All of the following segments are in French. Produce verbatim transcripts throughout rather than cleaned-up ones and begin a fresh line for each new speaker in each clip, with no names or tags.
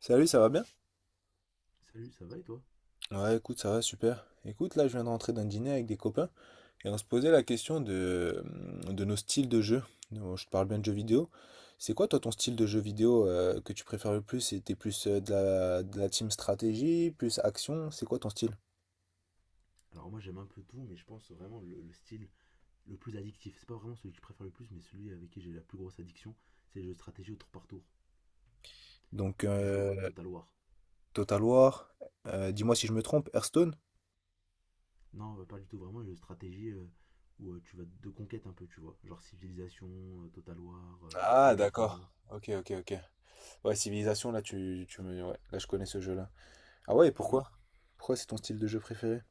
Salut, ça va bien?
Salut, ça va et toi?
Ouais, écoute, ça va super. Écoute, là, je viens de rentrer d'un dîner avec des copains et on se posait la question de, mm, de nos styles de jeu. Donc, je te parle bien de jeux vidéo. C'est quoi, toi, ton style de jeu vidéo euh, que tu préfères le plus? C'était plus euh, de la, de la team stratégie, plus action? C'est quoi ton style?
Alors moi j'aime un peu tout, mais je pense vraiment le, le style le plus addictif. C'est pas vraiment celui que je préfère le plus, mais celui avec qui j'ai la plus grosse addiction, c'est les jeux de stratégie au tour par tour,
Donc,
du genre
euh,
euh, Total War.
Total War, euh, dis-moi si je me trompe, Hearthstone?
Non, euh, pas du tout, vraiment les jeux de stratégie euh, où euh, tu vas de conquête un peu, tu vois. Genre Civilization, euh, Total War, euh,
Ah,
Age of
d'accord.
Wonders.
Ok, ok, ok. Ouais, Civilisation, là, tu, tu me... Ouais, là, je connais ce jeu-là. Ah ouais, et
Ok. Et
pourquoi? Pourquoi c'est ton style de jeu préféré?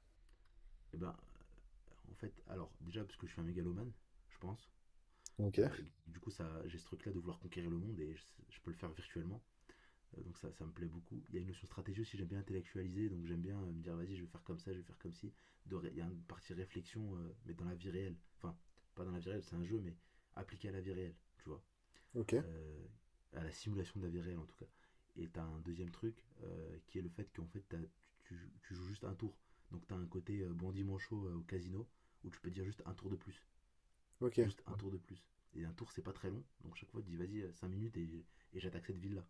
ben, euh, en fait, alors déjà parce que je suis un mégalomane, je pense.
Ok,
Euh, et que, du coup, ça, j'ai ce truc-là de vouloir conquérir le monde et je, je peux le faire virtuellement. Euh, donc ça, ça me plaît beaucoup. Il y a une notion de stratégie aussi, j'aime bien intellectualiser, donc j'aime bien euh, me dire vas-y, je vais faire comme ça, je vais faire comme ci. Il y a une partie réflexion, euh, mais dans la vie réelle. Enfin, pas dans la vie réelle, c'est un jeu, mais appliqué à la vie réelle, tu vois.
ok,
Euh, à la simulation de la vie réelle en tout cas. Et t'as un deuxième truc euh, qui est le fait qu'en fait tu, tu- joues juste un tour. Donc t'as un côté euh, bon dimanche euh, au casino où tu peux dire juste un tour de plus.
ok.
Juste un tour de plus. Et un tour c'est pas très long, donc chaque fois tu dis vas-y euh, cinq minutes et, et j'attaque cette ville là.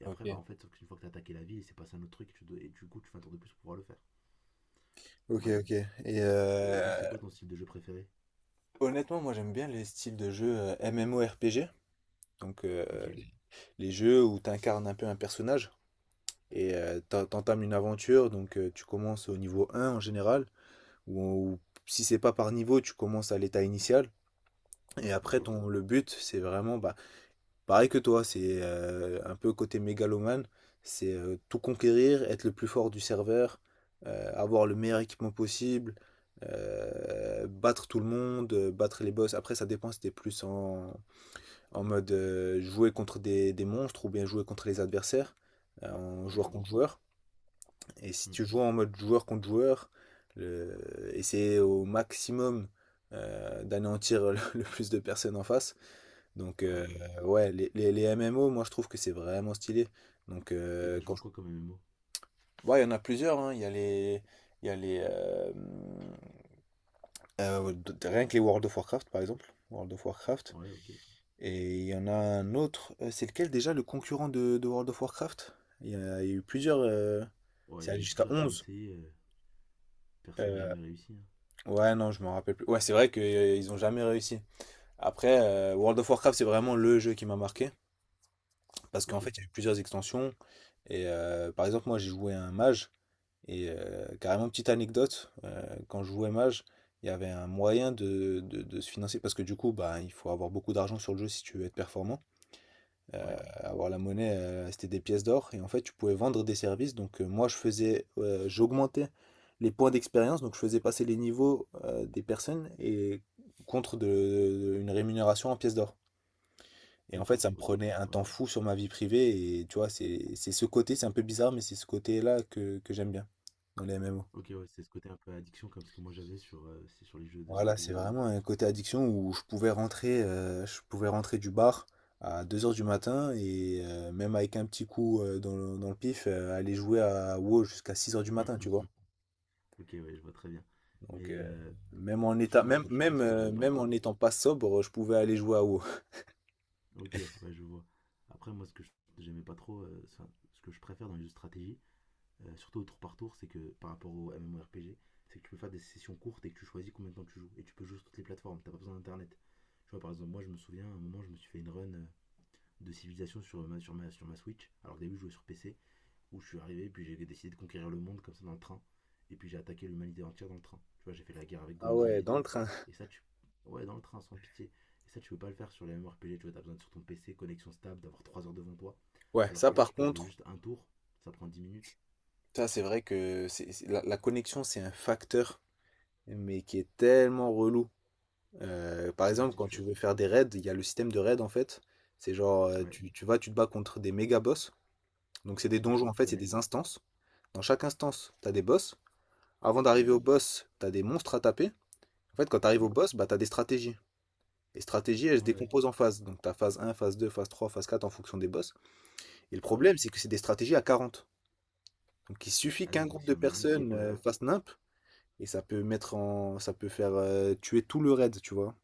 Et après, bah
Ok.
en fait, sauf qu'une fois que t'as attaqué la ville, il s'est passé un autre truc, tu dois- et du coup, tu fais un tour de plus pour pouvoir le faire.
Ok,
Ouais.
ok. Et
Et
euh,
toi, c'est quoi ton style de jeu préféré?
honnêtement, moi j'aime bien les styles de jeux euh, MMORPG, donc euh,
Ok,
les jeux où tu incarnes un peu un personnage et euh, t'en- t'entames une aventure, donc euh, tu commences au niveau un en général, ou, ou si c'est pas par niveau, tu commences à l'état initial. Et après,
ok.
ton, le but, c'est vraiment, bah, pareil que toi, c'est euh, un peu côté mégalomane, c'est euh, tout conquérir, être le plus fort du serveur, euh, avoir le meilleur équipement possible, euh, battre tout le monde, euh, battre les boss. Après, ça dépend si t'es plus en, en mode euh, jouer contre des, des monstres ou bien jouer contre les adversaires, euh, en
Ouais, je
joueur
vois.
contre joueur. Et si
Hmm.
tu joues en mode joueur contre joueur, le- essayer au maximum euh, d'anéantir le plus de personnes en face. Donc,
Ouais,
euh,
bah oui.
ouais, les, les, les M M O, moi je trouve que c'est vraiment stylé. Donc,
Et t'as
euh,
joué
quand
à
je-
quoi comme M M O?
ouais, il y en a plusieurs, hein. Il y a les. Il y a les euh, euh, ouais, d- rien que les World of Warcraft, par exemple. World of Warcraft.
Ouais, ok.
Et il y en a un autre. euh, C'est lequel déjà le concurrent de, de World of Warcraft? Il y a, il y a eu plusieurs. euh,
Ouais, il
C'est
y en
allé
a eu
jusqu'à
plusieurs qui ont
onze.
essayé, euh, personne n'a
Euh,
jamais réussi, hein.
ouais, non, je me rappelle plus. Ouais, c'est vrai qu'ils ont jamais réussi. Après, euh, World of Warcraft, c'est vraiment le jeu qui m'a marqué. Parce qu'en
Ok,
fait, il y a eu plusieurs extensions. Et euh, par exemple, moi, j'ai joué un mage. Et euh, carrément, petite anecdote, euh, quand je jouais mage, il y avait un moyen de, de- de se financer. Parce que du coup, bah, il faut avoir beaucoup d'argent sur le jeu si tu veux être performant. Euh,
ouais,
Avoir la monnaie, euh, c'était des pièces d'or. Et en fait, tu pouvais vendre des services. Donc, euh, moi, je faisais, euh, j'augmentais les points d'expérience. Donc, je faisais passer les niveaux euh, des personnes et contre de, une rémunération en pièces d'or. Et en fait,
d'accord,
ça me
ok,
prenait un
ouais.
temps fou sur ma vie privée. Et tu vois, c'est c'est ce côté, c'est un peu bizarre, mais c'est ce côté-là que, que j'aime bien dans les M M O.
Ok, ouais, c'est ce côté un peu addiction comme ce que moi j'avais sur, euh, c'est sur les jeux de
Voilà, c'est
stratégie, quoi.
vraiment un côté addiction où je pouvais rentrer, euh, je pouvais rentrer du bar à deux heures du matin et euh, même avec un petit coup euh, dans le, dans le pif, euh, aller jouer à WoW jusqu'à six heures du matin, tu vois.
ok, ouais, je vois très bien.
Donc,
Mais
euh,
euh,
même en
du coup,
état,
moi, ce
même,
que je- moi,
même,
ce que
euh,
j'aime pas
même en
trop,
n'étant pas sobre, je pouvais aller jouer à WoW.
ok, ouais, je vois. Après, moi, ce que je- j'aimais pas trop, euh, enfin, ce que je préfère dans les jeux de stratégie, euh, surtout au tour par tour, c'est que par rapport au M M O R P G, c'est que tu peux faire des sessions courtes et que tu choisis combien de temps tu joues. Et tu peux jouer sur toutes les plateformes, t'as pas besoin d'internet. Tu vois, par exemple, moi, je me souviens, à un moment, je me suis fait une run euh, de civilisation sur ma, sur ma, sur ma Switch. Alors, au début, je jouais sur P C où je suis arrivé, puis j'ai décidé de conquérir le monde comme ça dans le train. Et puis j'ai attaqué l'humanité entière dans le train. Tu vois, j'ai fait la guerre avec
Ah
Gandhi
ouais,
et
dans le
tout.
train.
Et ça, tu. Ouais, dans le train, sans pitié. Et ça, tu peux pas le faire sur les M M O R P G. Tu vois, t'as besoin de sur ton P C, connexion stable, d'avoir trois heures devant toi.
Ouais,
Alors
ça
que là,
par
je peux jouer
contre,
juste un tour. Ça prend dix minutes.
ça c'est vrai que c'est, c'est- la, la connexion c'est un facteur mais qui est tellement relou. Euh, par
Ouais,
exemple,
c'est
quand
sûr.
tu veux faire des raids, il y a le système de raid en fait. C'est genre, euh,
Ouais,
tu, tu vas, tu te bats contre des méga boss. Donc, c'est des
ouais,
donjons en
je
fait, c'est
connais.
des instances. Dans chaque instance, t'as des boss. Avant d'arriver
Ouais,
au boss, t'as des monstres à taper. En fait, quand t'arrives au
oui.
boss, bah, t'as des stratégies. Les stratégies, elles se
Ouais, ouais.
décomposent en phases. Donc, t'as phase un, phase deux, phase trois, phase quatre en fonction des boss. Et le
Bah oui.
problème, c'est que c'est des stratégies à quarante. Donc, il suffit
Ah
qu'un
oui, donc
groupe de
s'il y en a un qui est
personnes
pas
euh,
là,
fasse nimp et ça peut mettre en, ça peut faire euh, tuer tout le raid, tu vois.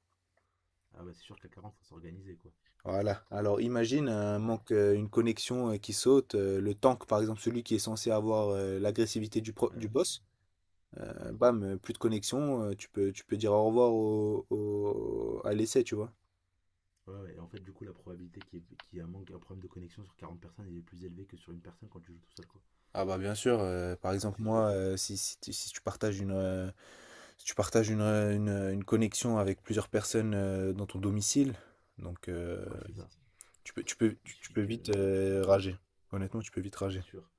ah bah c'est sûr qu'à quarante faut s'organiser, quoi.
Voilà. Alors imagine un
Ouais,
manque, euh, une connexion euh, qui saute, euh, le tank par exemple, celui qui est censé avoir euh, l'agressivité du, pro- du
ouais,
boss, euh,
ouais.
bam, euh, plus de connexion, euh, tu peux, tu peux dire au revoir au, au- à l'essai, tu vois.
Ouais, ouais. Et en fait, du coup, la probabilité qu'il y, ait- qu'il y ait un, manque, un problème de connexion sur quarante personnes elle est plus élevée que sur une personne quand tu joues tout seul, quoi.
Ah bah bien sûr, euh, par
Ah,
exemple
c'est sûr.
moi, euh, si, si, tu si tu partages une, euh, si tu partages une, euh, une, euh, une connexion avec plusieurs personnes euh, dans ton domicile, donc euh,
Ouais, c'est ça.
tu peux, tu peux,
Il
tu, tu
suffit
peux
que.
vite euh,
Ouais,
rager. Honnêtement, tu peux vite
c'est
rager.
sûr.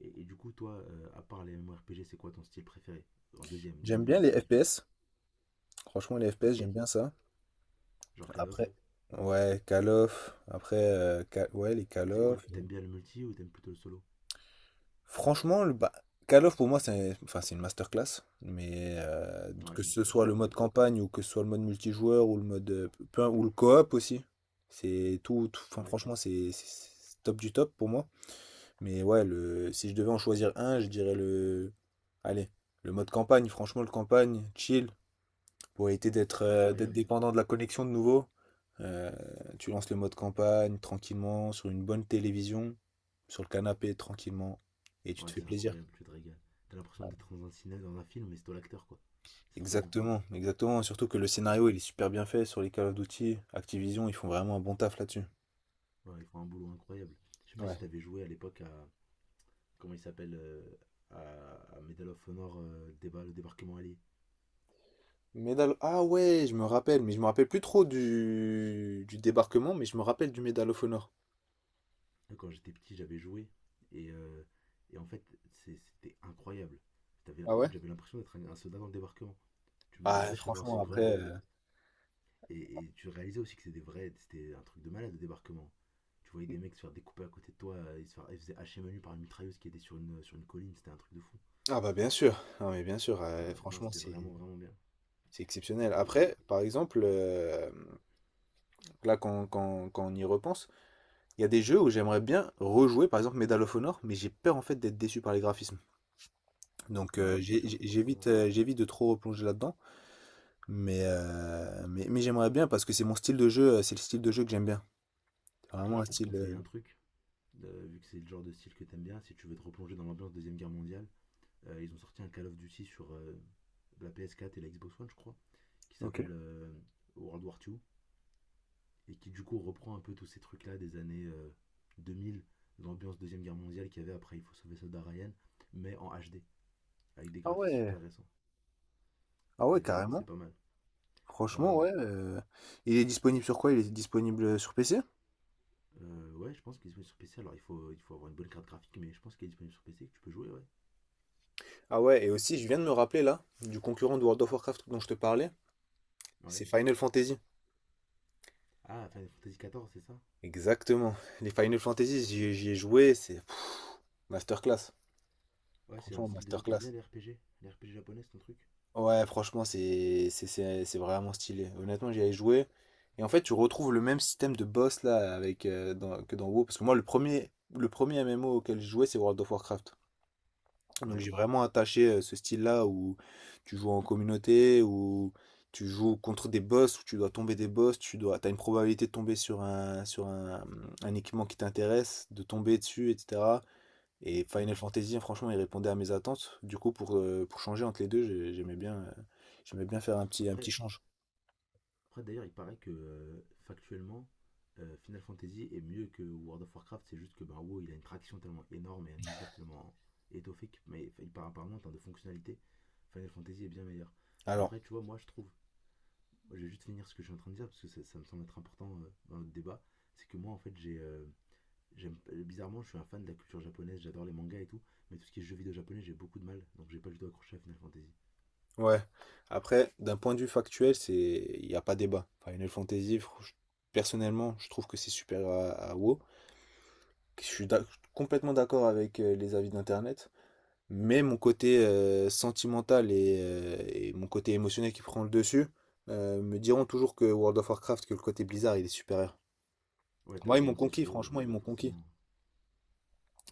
Et, et du coup, toi, euh, à part les M M O R P G, c'est quoi ton style préféré? En deuxième, deuxième
J'aime bien les
position.
F P S. Franchement, les F P S,
Ok.
j'aime bien ça.
Genre Call of.
Après, ouais, Call of. Après, euh, Ca- ouais, les
Et
Call
c'est quoi?
of.
T'aimes bien le multi ou t'aimes plutôt le solo?
Franchement, le, bah, Call of pour moi, c'est enfin, c'est une masterclass. Mais euh,
Ouais,
que
bien
ce
sûr,
soit le
on est
mode
d'accord.
campagne ou que ce soit le mode multijoueur ou le mode euh, peu- ou le co-op aussi, c'est tout, tout- enfin,
Ouais,
franchement, c'est c'est- c'est top du top pour moi. Mais ouais, le, si je devais en choisir un, je dirais le. Allez, le mode campagne. Franchement, le campagne, chill. Pour éviter d'être
c'est
euh, d'être
incroyable.
dépendant de la connexion de nouveau. Euh, Tu lances le mode campagne tranquillement sur une bonne télévision, sur le canapé tranquillement, et tu te
Ouais,
fais
c'est
plaisir.
incroyable, tu te régales. T'as l'impression d'être dans un cinéma, dans un film, mais c'est toi l'acteur, quoi. C'est trop bien.
Exactement, exactement. Surtout que le
Ouais,
scénario il est super bien fait sur les Call of Duty, Activision, ils font vraiment un bon taf là-dessus.
ouais, ils font un boulot incroyable. Je sais pas si
Ouais.
t'avais joué à l'époque à comment il s'appelle euh, à, à Medal of Honor euh, déba- le débarquement allié.
Medal... Ah ouais, je me rappelle, mais je me rappelle plus trop du... du débarquement, mais je me rappelle du Medal of Honor.
Quand j'étais petit, j'avais joué et, euh, et en fait, c'était incroyable.
Ah
En
ouais?
fait, j'avais l'impression d'être un, un soldat dans le débarquement. Tu me
Ah,
demandais si j'avais lancé
franchement,
une grenade
après.
en fait.
euh,
Et, et tu réalisais aussi que c'était des vrais, c'était un truc de malade le débarquement. Tu voyais des mecs se faire découper à côté de toi, euh, ils se, faire, ils se faisaient hacher menu par une mitrailleuse qui était sur une, sur une colline, c'était un truc de fou.
Ah bah bien sûr, non mais bien sûr, euh,
Ouais, non,
franchement,
c'était
c'est
vraiment vraiment bien.
C'est exceptionnel.
Et,
Après,
et-
par exemple, euh, là, quand, quand- quand on y repense, il y a des jeux où j'aimerais bien rejouer, par exemple Medal of Honor, mais j'ai peur en fait d'être déçu par les graphismes. Donc
bah
euh,
ouais, c'est
j'ai-
sûr,
j'ai- j'évite
forcément.
euh, j'évite de trop replonger là-dedans, mais, euh, mais, mais j'aimerais bien parce que c'est mon style de jeu, euh, c'est le style de jeu que j'aime bien. C'est
Après,
vraiment
je
un
peux te
style...
conseiller
euh,
un truc euh, vu que c'est le genre de style que t'aimes bien, si tu veux te replonger dans l'ambiance Deuxième Guerre mondiale, euh, ils ont sorti un Call of Duty sur euh, la P S quatre et la Xbox One, je crois, qui
Ok.
s'appelle euh, World War Two et qui du coup reprend un peu tous ces trucs-là des années euh, deux mille, l'ambiance Deuxième Guerre mondiale qu'il y avait après Il faut sauver Soldat Ryan, mais en H D, avec des
Ah
graphismes
ouais.
super récents.
Ah ouais,
Et vraiment, c'est
carrément.
pas mal. Ouais,
Franchement,
ouais, ouais.
ouais. euh, Il est disponible sur quoi? Il est disponible sur P C?
Euh, ouais, je pense qu'il est disponible sur P C. Alors, il faut, il faut avoir une bonne carte graphique, mais je pense qu'il est disponible sur P C, que tu peux jouer, ouais.
Ah ouais, et aussi, je viens de me rappeler là, du concurrent de World of Warcraft dont je te parlais, c'est
Ouais.
Final Fantasy.
Ah, Final Fantasy quatorze, c'est ça?
Exactement. Les Final Fantasy, j'y j'y ai joué, c'est pff, masterclass.
Ouais, c'est un
Franchement,
style de jeu que t'aimes
masterclass.
bien, les R P G. Les R P G japonais, c'est ton truc?
Ouais, franchement, c'est c'est- c'est- c'est vraiment stylé. Honnêtement, j'y ai joué. Et en fait, tu retrouves le même système de boss là avec, euh, dans- que dans WoW. Parce que moi, le premier, le premier M M O auquel j'ai joué, c'est World of Warcraft. Donc
Ouais,
j'ai vraiment attaché euh, ce style-là où tu joues en communauté, où tu joues contre des boss, où tu dois tomber des boss, tu dois, t'as une probabilité de tomber sur un, sur un, un équipement qui t'intéresse, de tomber dessus, et cetera. Et
ouais.
Final Fantasy, franchement, il répondait à mes attentes. Du coup, pour, euh, pour changer entre les deux, j'ai- j'aimais bien, euh, j'aimais bien faire un petit, un petit
Après,
change.
après d'ailleurs, il paraît que euh, factuellement, euh, Final Fantasy est mieux que World of Warcraft. C'est juste que ben, WoW, il a une traction tellement énorme et un univers tellement étoffé que, mais enfin, il part apparemment en termes de fonctionnalité, Final Fantasy est bien meilleur. Mais
Alors,
après, tu vois, moi, je trouve, moi, je vais juste finir ce que je suis en train de dire parce que ça, ça me semble être important euh, dans notre débat. C'est que moi, en fait, j'ai, euh, j'aime, bizarrement, je suis un fan de la culture japonaise. J'adore les mangas et tout, mais tout ce qui est jeux vidéo japonais, j'ai beaucoup de mal. Donc, j'ai pas du tout accroché à Final Fantasy.
ouais. Après, d'un point de vue factuel, c'est, il n'y a pas débat. Final Fantasy, fr- je- personnellement, je trouve que c'est supérieur à, à WoW. Je suis d'ac- complètement d'accord avec euh, les avis d'Internet. Mais mon côté euh, sentimental et, euh, et mon côté émotionnel qui prend le dessus euh, me diront toujours que World of Warcraft, que le côté Blizzard, il est supérieur.
Ouais, t'as
Moi, ils m'ont
commencé sur
conquis,
WoW,
franchement,
donc
ils
euh,
m'ont conquis.
forcément.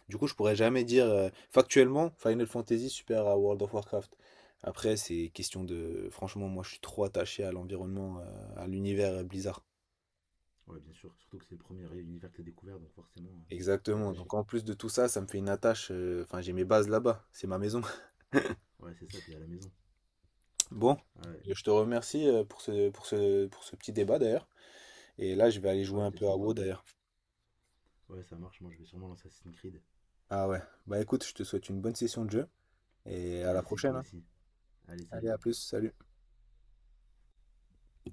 Du coup, je pourrais jamais dire euh, factuellement Final Fantasy supérieur à World of Warcraft. Après, c'est question de. Franchement, moi, je suis trop attaché à l'environnement, euh, à l'univers euh, Blizzard.
Ouais, bien sûr. Surtout que c'est le premier univers que t'as découvert, donc forcément, euh, t'y es
Exactement.
attaché.
Donc, en plus de tout ça, ça me fait une attache. euh, Enfin, j'ai mes bases là-bas. C'est ma maison.
Ouais, c'est ça, t'es à la maison.
Bon,
Ah ouais,
je te remercie euh, pour ce, pour ce, pour ce petit débat d'ailleurs. Et là, je vais aller jouer
ouais,
un
c'était
peu à WoW
sympa.
d'ailleurs.
Ouais, ça marche. Moi, je vais sûrement lancer Assassin's Creed.
Ah ouais. Bah écoute, je te souhaite une bonne session de jeu. Et à la
Merci,
prochaine,
toi
hein.
aussi. Allez,
Allez, à
salut.
plus. Salut.